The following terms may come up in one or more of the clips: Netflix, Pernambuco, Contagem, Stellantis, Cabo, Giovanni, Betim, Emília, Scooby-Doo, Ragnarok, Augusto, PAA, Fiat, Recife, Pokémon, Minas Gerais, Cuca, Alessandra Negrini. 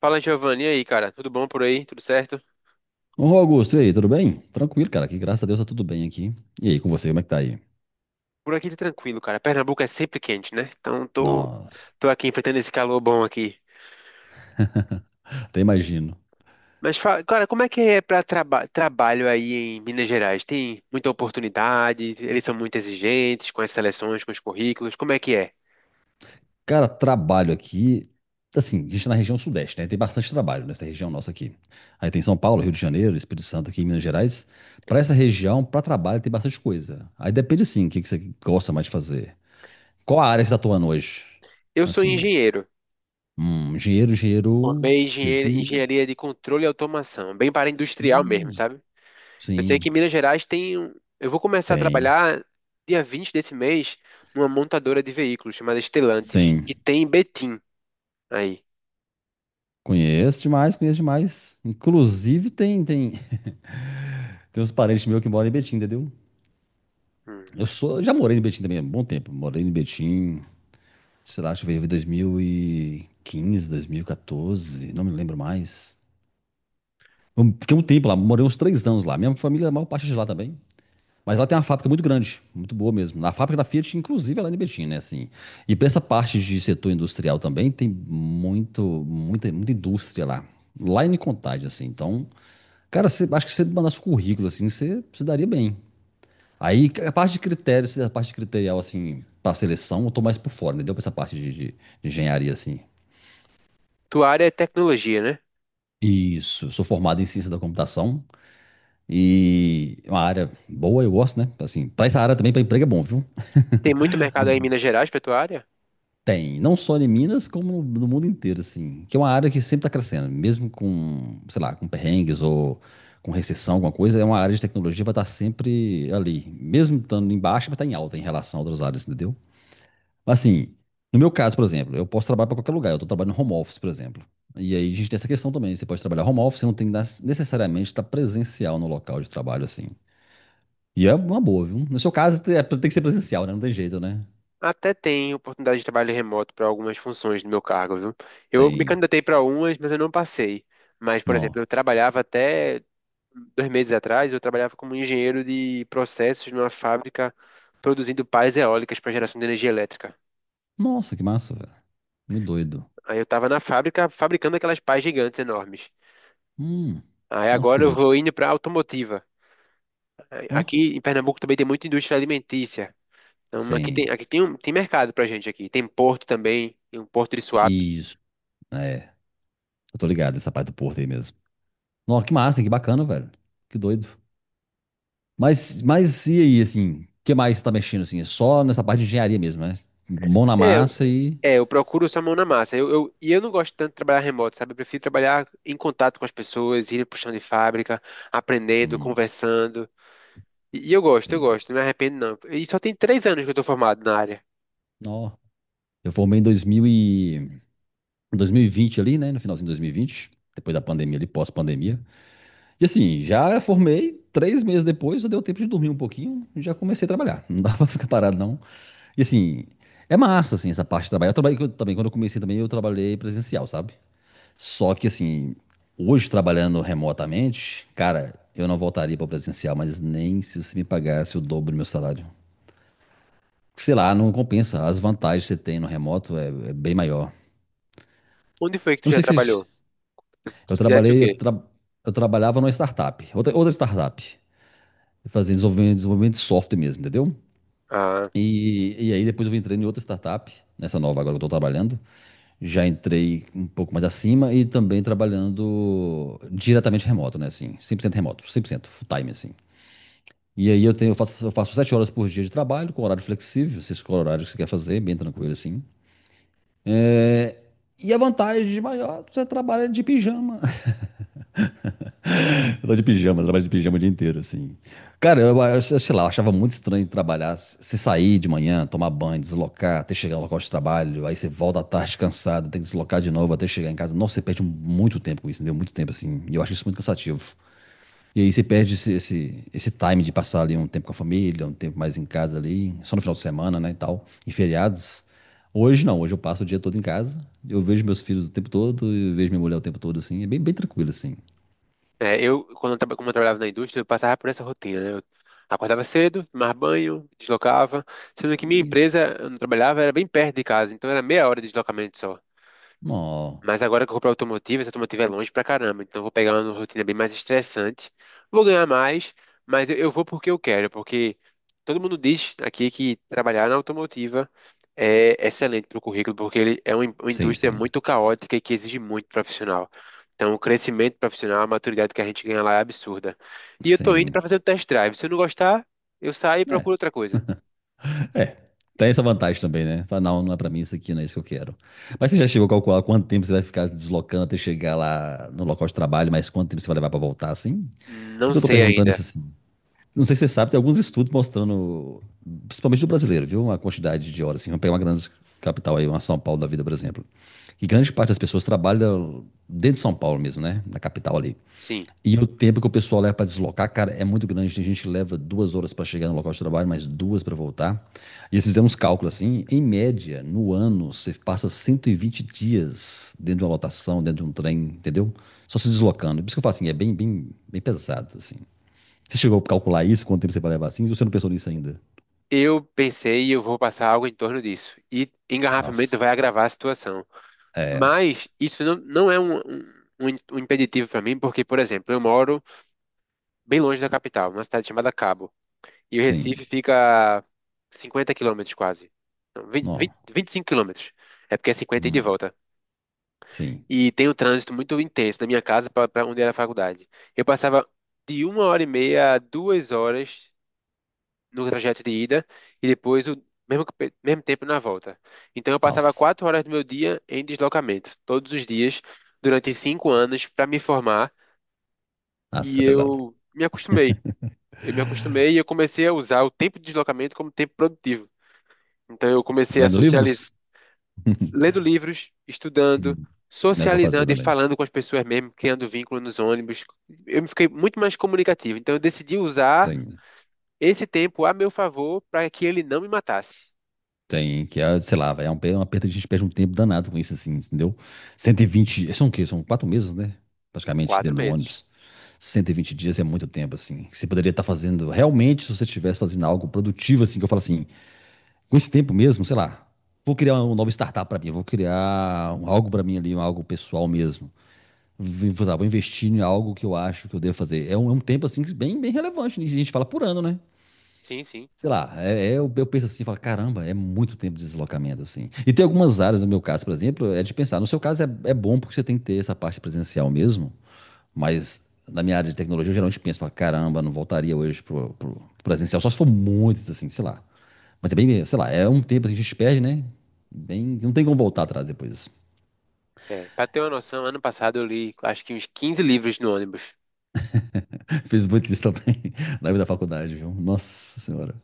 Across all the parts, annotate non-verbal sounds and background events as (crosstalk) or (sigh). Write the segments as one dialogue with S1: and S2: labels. S1: Fala, Giovanni, e aí, cara? Tudo bom por aí? Tudo certo?
S2: Ô, Augusto, e aí, tudo bem? Tranquilo, cara, que graças a Deus tá tudo bem aqui. E aí, com você, como é que tá aí?
S1: Por aqui tá tranquilo, cara. Pernambuco é sempre quente, né? Então tô,
S2: Nossa,
S1: tô aqui enfrentando esse calor bom aqui.
S2: (laughs) até imagino.
S1: Mas fala, cara, como é que é pra trabalho aí em Minas Gerais? Tem muita oportunidade? Eles são muito exigentes com as seleções, com os currículos? Como é que é?
S2: Cara, trabalho aqui, assim, a gente tá na região sudeste, né? Tem bastante trabalho nessa região nossa aqui. Aí tem São Paulo, Rio de Janeiro, Espírito Santo aqui em Minas Gerais. Pra essa região, pra trabalho, tem bastante coisa. Aí depende, sim, o que que você gosta mais de fazer. Qual a área que você tá atuando hoje?
S1: Eu sou
S2: Assim,
S1: engenheiro.
S2: engenheiro, engenheiro
S1: Formei
S2: civil,
S1: engenharia de controle e automação, bem para industrial mesmo,
S2: hum,
S1: sabe? Eu sei que em
S2: sim,
S1: Minas Gerais eu vou começar a
S2: tem,
S1: trabalhar dia 20 desse mês numa montadora de veículos chamada Stellantis, que
S2: sim.
S1: tem em Betim aí.
S2: Conheço demais, conheço demais. Inclusive tem (laughs) tem uns parentes meus que moram em Betim, entendeu?
S1: Hum.
S2: Eu sou, já morei em Betim também há um bom tempo. Morei em Betim, sei lá, acho que veio em 2015, 2014, não me lembro mais. Eu fiquei um tempo lá, morei uns 3 anos lá. Minha família, a maior parte é de lá também. Mas lá tem uma fábrica muito grande, muito boa mesmo. A fábrica da Fiat, inclusive, é lá em Betim, né? Assim. E para essa parte de setor industrial também, tem muito, muita, muita indústria lá. Lá em Contagem, assim. Então, cara, você, acho que se você mandasse o currículo, assim, você se daria bem. Aí, a parte de critérios, a parte criterial, assim, pra seleção, eu tô mais por fora, entendeu? Pra essa parte de engenharia, assim.
S1: Tua área é tecnologia, né?
S2: Isso, eu sou formado em ciência da computação e é uma área boa, eu gosto, né? Assim, pra essa área também, pra emprego é bom, viu?
S1: Tem muito mercado aí em Minas Gerais para tua área?
S2: Tem, não só em Minas, como no mundo inteiro, assim. Que é uma área que sempre está crescendo, mesmo com, sei lá, com perrengues ou com recessão, alguma coisa, é uma área de tecnologia vai estar sempre ali. Mesmo estando em baixa, vai estar em alta em relação a outras áreas, entendeu? Mas assim, no meu caso, por exemplo, eu posso trabalhar para qualquer lugar, eu estou trabalhando home office, por exemplo. E aí a gente tem essa questão também, você pode trabalhar home office, você não tem que necessariamente estar presencial no local de trabalho, assim. E é uma boa, viu? No seu caso, tem que ser presencial, né? Não tem jeito, né?
S1: Até tem oportunidade de trabalho remoto para algumas funções do meu cargo, viu? Eu me
S2: Tem.
S1: candidatei para umas, mas eu não passei. Mas, por exemplo, eu
S2: Não.
S1: trabalhava até dois meses atrás, eu trabalhava como engenheiro de processos numa fábrica produzindo pás eólicas para geração de energia elétrica.
S2: Nossa, que massa, velho. Muito doido.
S1: Aí eu tava na fábrica fabricando aquelas pás gigantes enormes.
S2: Hum,
S1: Aí
S2: nossa, que
S1: agora eu
S2: doido.
S1: vou indo para automotiva. Aí
S2: Ó,
S1: Aqui em Pernambuco também tem muita indústria alimentícia. Então
S2: sim.
S1: tem mercado pra gente aqui. Tem porto também, tem um porto de swap.
S2: Isso. É, eu tô ligado nessa parte do Porto aí mesmo. Nossa, que massa, que bacana, velho. Que doido. Mas e aí, assim, o que mais você tá mexendo, assim? É só nessa parte de engenharia mesmo, né? Mão na
S1: É, eu-
S2: massa e...
S1: é, eu procuro essa mão na massa. E eu não gosto tanto de trabalhar remoto, sabe? Eu prefiro trabalhar em contato com as pessoas, ir pro chão de fábrica, aprendendo,
S2: Hum,
S1: conversando. E eu gosto,
S2: sim.
S1: não me arrependo não. E só tem três anos que eu tô formado na área.
S2: Ó, eu formei em 2020 ali, né? No finalzinho de 2020. Depois da pandemia ali, pós-pandemia. E assim, já formei, 3 meses depois eu deu tempo de dormir um pouquinho já comecei a trabalhar. Não dava (laughs) pra ficar parado, não. E assim, é massa, assim, essa parte de trabalhar. Eu trabalhei eu também, quando eu comecei também, eu trabalhei presencial, sabe? Só que assim, hoje trabalhando remotamente, cara, eu não voltaria para presencial, mas nem se você me pagasse o dobro do meu salário. Sei lá, não compensa. As vantagens que você tem no remoto é bem maior.
S1: Onde foi que tu
S2: Eu não
S1: já
S2: sei
S1: trabalhou?
S2: se. Eu
S1: Tu fizesse o
S2: trabalhei, eu,
S1: quê?
S2: tra- eu trabalhava numa startup, outra startup. Fazendo desenvolvimento, desenvolvimento de software mesmo, entendeu?
S1: Ah.
S2: E aí depois eu entrei em outra startup, nessa nova agora que eu estou trabalhando. Já entrei um pouco mais acima e também trabalhando diretamente remoto, né? Assim, 100% remoto, 100% full time, assim. E aí eu faço 7 horas por dia de trabalho, com horário flexível, você escolhe o horário que você quer fazer, bem tranquilo, assim. É, e a vantagem de maior, você trabalha de pijama. Eu tava de pijama, eu trabalho de pijama o dia inteiro, assim. Cara, eu sei lá, eu achava muito estranho de trabalhar. Você sair de manhã, tomar banho, deslocar, até chegar ao local de trabalho, aí você volta à tarde cansado, tem que deslocar de novo até chegar em casa. Nossa, você perde muito tempo com isso, entendeu? Muito tempo, assim. E eu acho isso muito cansativo. E aí você perde esse time de passar ali um tempo com a família, um tempo mais em casa ali, só no final de semana, né, e tal, em feriados. Hoje não, hoje eu passo o dia todo em casa, eu vejo meus filhos o tempo todo, eu vejo minha mulher o tempo todo, assim, é bem, bem tranquilo, assim.
S1: É, eu, quando eu, traba- como eu trabalhava na indústria, eu passava por essa rotina, né? Eu acordava cedo, tomava banho, deslocava. Sendo que minha
S2: Mas,
S1: empresa, onde eu trabalhava, era bem perto de casa, então era meia hora de deslocamento só.
S2: não.
S1: Mas agora que eu vou pra automotiva, essa automotiva é longe pra caramba. Então eu vou pegar uma rotina bem mais estressante. Vou ganhar mais, mas eu vou porque eu quero. Porque todo mundo diz aqui que trabalhar na automotiva é excelente pro currículo, porque ele é uma uma
S2: Sim,
S1: indústria
S2: sim,
S1: muito caótica e que exige muito profissional. Então o crescimento profissional, a maturidade que a gente ganha lá é absurda. E eu tô indo pra
S2: sim.
S1: fazer o test drive. Se eu não gostar, eu saio e
S2: É,
S1: procuro outra coisa.
S2: é. Tem essa vantagem também, né? Fala, não, não é pra mim isso aqui, não é isso que eu quero. Mas você já chegou a calcular quanto tempo você vai ficar deslocando até chegar lá no local de trabalho, mas quanto tempo você vai levar pra voltar, assim?
S1: Não
S2: Porque eu tô
S1: sei
S2: perguntando isso
S1: ainda.
S2: assim. Não sei se você sabe, tem alguns estudos mostrando, principalmente do brasileiro, viu? A quantidade de horas, assim. Vamos pegar uma grande capital aí, uma São Paulo da vida, por exemplo. Que grande parte das pessoas trabalham dentro de São Paulo mesmo, né? Na capital ali.
S1: Sim.
S2: E o tempo que o pessoal leva para deslocar, cara, é muito grande. Tem gente que leva 2 horas para chegar no local de trabalho, mais duas para voltar. E eles fizeram uns cálculos assim. Em média, no ano, você passa 120 dias dentro de uma lotação, dentro de um trem, entendeu? Só se deslocando. Por isso que eu falo assim, é bem, bem, bem pesado, assim. Você chegou a calcular isso, quanto tempo você vai levar assim? Você não pensou nisso ainda?
S1: Eu pensei, eu vou passar algo em torno disso. E engarrafamento vai
S2: Nossa.
S1: agravar a situação.
S2: É,
S1: Mas isso não, não é um, um, um im- um impeditivo para mim, porque, por exemplo, eu moro bem longe da capital, numa cidade chamada Cabo. E o Recife
S2: sim.
S1: fica a 50 quilômetros quase. Não, 20,
S2: Não.
S1: 20, 25 quilômetros. É porque é 50 e de
S2: Hum,
S1: volta.
S2: sim.
S1: E tem um trânsito muito intenso da minha casa para onde era a faculdade. Eu passava de uma hora e meia a duas horas no trajeto de ida e depois mesmo tempo na volta. Então eu passava
S2: Nossa.
S1: quatro horas do meu dia em deslocamento, todos os dias, durante cinco anos, para me formar,
S2: Nossa, isso
S1: e
S2: é pesado.
S1: eu me acostumei. Eu comecei a usar o tempo de deslocamento como tempo produtivo. Então eu comecei a
S2: Lendo
S1: socializar,
S2: livros? (laughs)
S1: lendo livros, estudando,
S2: É o que eu fazia
S1: socializando e
S2: também.
S1: falando com as pessoas mesmo, criando vínculo nos ônibus. Eu fiquei muito mais comunicativo. Então eu decidi usar
S2: Sim.
S1: esse tempo a meu favor para que ele não me matasse.
S2: Tem, que é, sei lá, véi, é um uma perda, a gente perde um tempo danado com isso, assim, entendeu? 120, são o quê? São 4 meses, né? Praticamente
S1: Quatro
S2: dentro do
S1: meses.
S2: ônibus. 120 dias é muito tempo, assim. Que você poderia estar fazendo, realmente, se você estivesse fazendo algo produtivo, assim, que eu falo assim, com esse tempo mesmo, sei lá, vou criar uma nova startup pra mim, vou criar algo pra mim ali, um algo pessoal mesmo. Vou, vou investir em algo que eu acho que eu devo fazer. É um tempo, assim, que bem, bem relevante. Né? E a gente fala por ano, né?
S1: Sim.
S2: Sei lá, eu penso assim, falo, caramba, é muito tempo de deslocamento, assim. E tem algumas áreas, no meu caso, por exemplo, é de pensar. No seu caso é bom porque você tem que ter essa parte presencial mesmo, mas na minha área de tecnologia eu geralmente penso, falo, caramba, não voltaria hoje pro presencial, só se for muitos assim, sei lá. Mas é bem, sei lá, é um tempo assim, que a gente perde, né? Bem, não tem como voltar atrás depois.
S1: É, para ter uma noção, ano passado eu li acho que uns 15 livros no ônibus.
S2: (laughs) Fiz muito isso também (laughs) na vida da faculdade, viu? Nossa Senhora.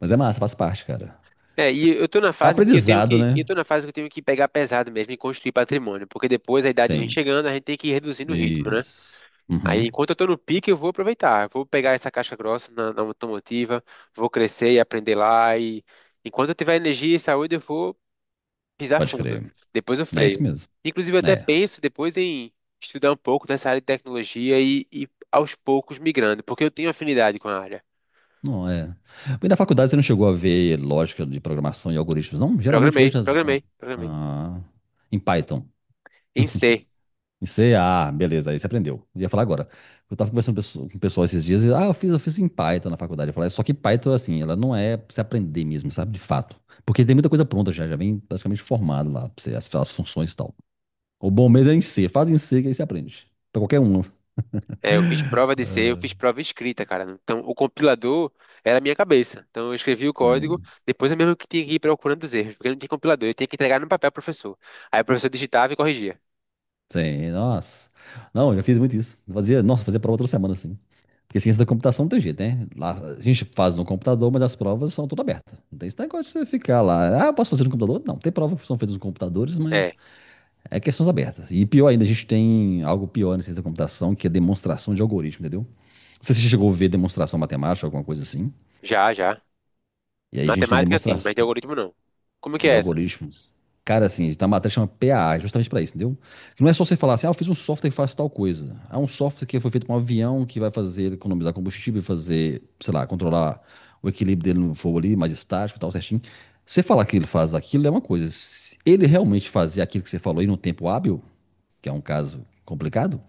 S2: Mas é massa, faz parte, cara.
S1: É, e
S2: Aprendizado,
S1: eu
S2: né?
S1: tô na fase que eu tenho que pegar pesado mesmo e construir patrimônio, porque depois a idade vem
S2: Sim,
S1: chegando, a gente tem que ir reduzindo o ritmo, né?
S2: isso.
S1: Aí
S2: Uhum,
S1: enquanto eu tô no pique, eu vou aproveitar, eu vou pegar essa caixa grossa na automotiva, vou crescer e aprender lá e enquanto eu tiver energia e saúde, eu vou pisar
S2: pode
S1: fundo.
S2: crer.
S1: Depois eu
S2: É isso
S1: freio.
S2: mesmo.
S1: Inclusive eu até
S2: É.
S1: penso depois em estudar um pouco dessa área de tecnologia e aos poucos migrando, porque eu tenho afinidade com a área.
S2: Não é. Mas na faculdade você não chegou a ver lógica de programação e algoritmos, não? Geralmente hoje
S1: Programei.
S2: ah, em Python.
S1: Em C.
S2: Em C, ah, beleza, aí você aprendeu. Eu ia falar agora. Eu tava conversando com o pessoal esses dias, e, ah, eu fiz em Python na faculdade. Eu falei, só que Python, assim, ela não é pra você aprender mesmo, sabe? De fato. Porque tem muita coisa pronta já, já vem praticamente formado lá, pra você, as funções e tal. O bom mesmo é em C, faz em C que aí você aprende. Pra qualquer um.
S1: É, eu fiz prova de C, eu fiz prova escrita, cara. Então, o compilador era a minha cabeça. Então, eu escrevi o código,
S2: Sim.
S1: depois eu mesmo que tinha que ir procurando os erros, porque não tinha compilador, eu tinha que entregar no papel ao professor. Aí o professor digitava e corrigia.
S2: Sim, nossa. Não, eu já fiz muito isso. Fazia, nossa, fazia prova toda semana, assim. Porque ciência da computação não tem jeito, né? Lá, a gente faz no computador, mas as provas são todas abertas. Não tem esse negócio de você ficar lá. Ah, posso fazer no computador? Não, tem provas que são feitas nos computadores, mas
S1: É,
S2: é questões abertas. E pior ainda, a gente tem algo pior na ciência da computação, que é demonstração de algoritmo, entendeu? Não sei se você chegou a ver demonstração matemática, alguma coisa assim.
S1: já.
S2: E aí a gente tem
S1: Matemática sim, mas de
S2: demonstração
S1: algoritmo não. Como que
S2: de
S1: é essa?
S2: algoritmo. Cara, assim, tá a matéria chama PAA, justamente pra isso, entendeu? Que não é só você falar assim, ah, eu fiz um software que faz tal coisa. É um software que foi feito pra um avião que vai fazer ele economizar combustível, fazer, sei lá, controlar o equilíbrio dele no fogo ali, mais estático e tal, certinho. Você falar que ele faz aquilo é uma coisa. Se ele realmente fazer aquilo que você falou aí num tempo hábil, que é um caso complicado,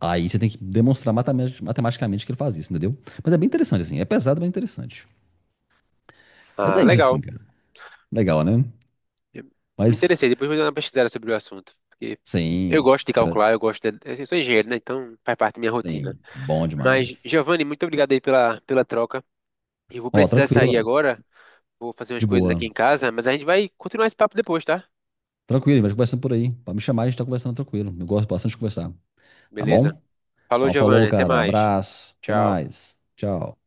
S2: aí você tem que demonstrar matematicamente que ele faz isso, entendeu? Mas é bem interessante, assim. É pesado, mas é interessante. Mas
S1: Ah,
S2: é isso,
S1: legal.
S2: assim, cara. Legal, né?
S1: Eu Me
S2: Mas,
S1: interessei, depois vou dar uma pesquisada sobre o assunto. Porque eu
S2: sim.
S1: gosto de calcular, eu gosto de... Eu sou engenheiro, né? Então faz parte da minha rotina.
S2: Sim, bom
S1: Mas,
S2: demais.
S1: Giovanni, muito obrigado aí pela troca. Eu vou
S2: Ó,
S1: precisar
S2: tranquilo,
S1: sair
S2: Augusto.
S1: agora, vou fazer umas
S2: De
S1: coisas
S2: boa.
S1: aqui em casa, mas a gente vai continuar esse papo depois, tá?
S2: Tranquilo, vai conversando por aí. Pode me chamar, a gente tá conversando tranquilo. Eu gosto bastante de conversar. Tá
S1: Beleza.
S2: bom?
S1: Falou,
S2: Então,
S1: Giovanni,
S2: falou,
S1: até
S2: cara.
S1: mais.
S2: Abraço. Até
S1: Tchau.
S2: mais. Tchau.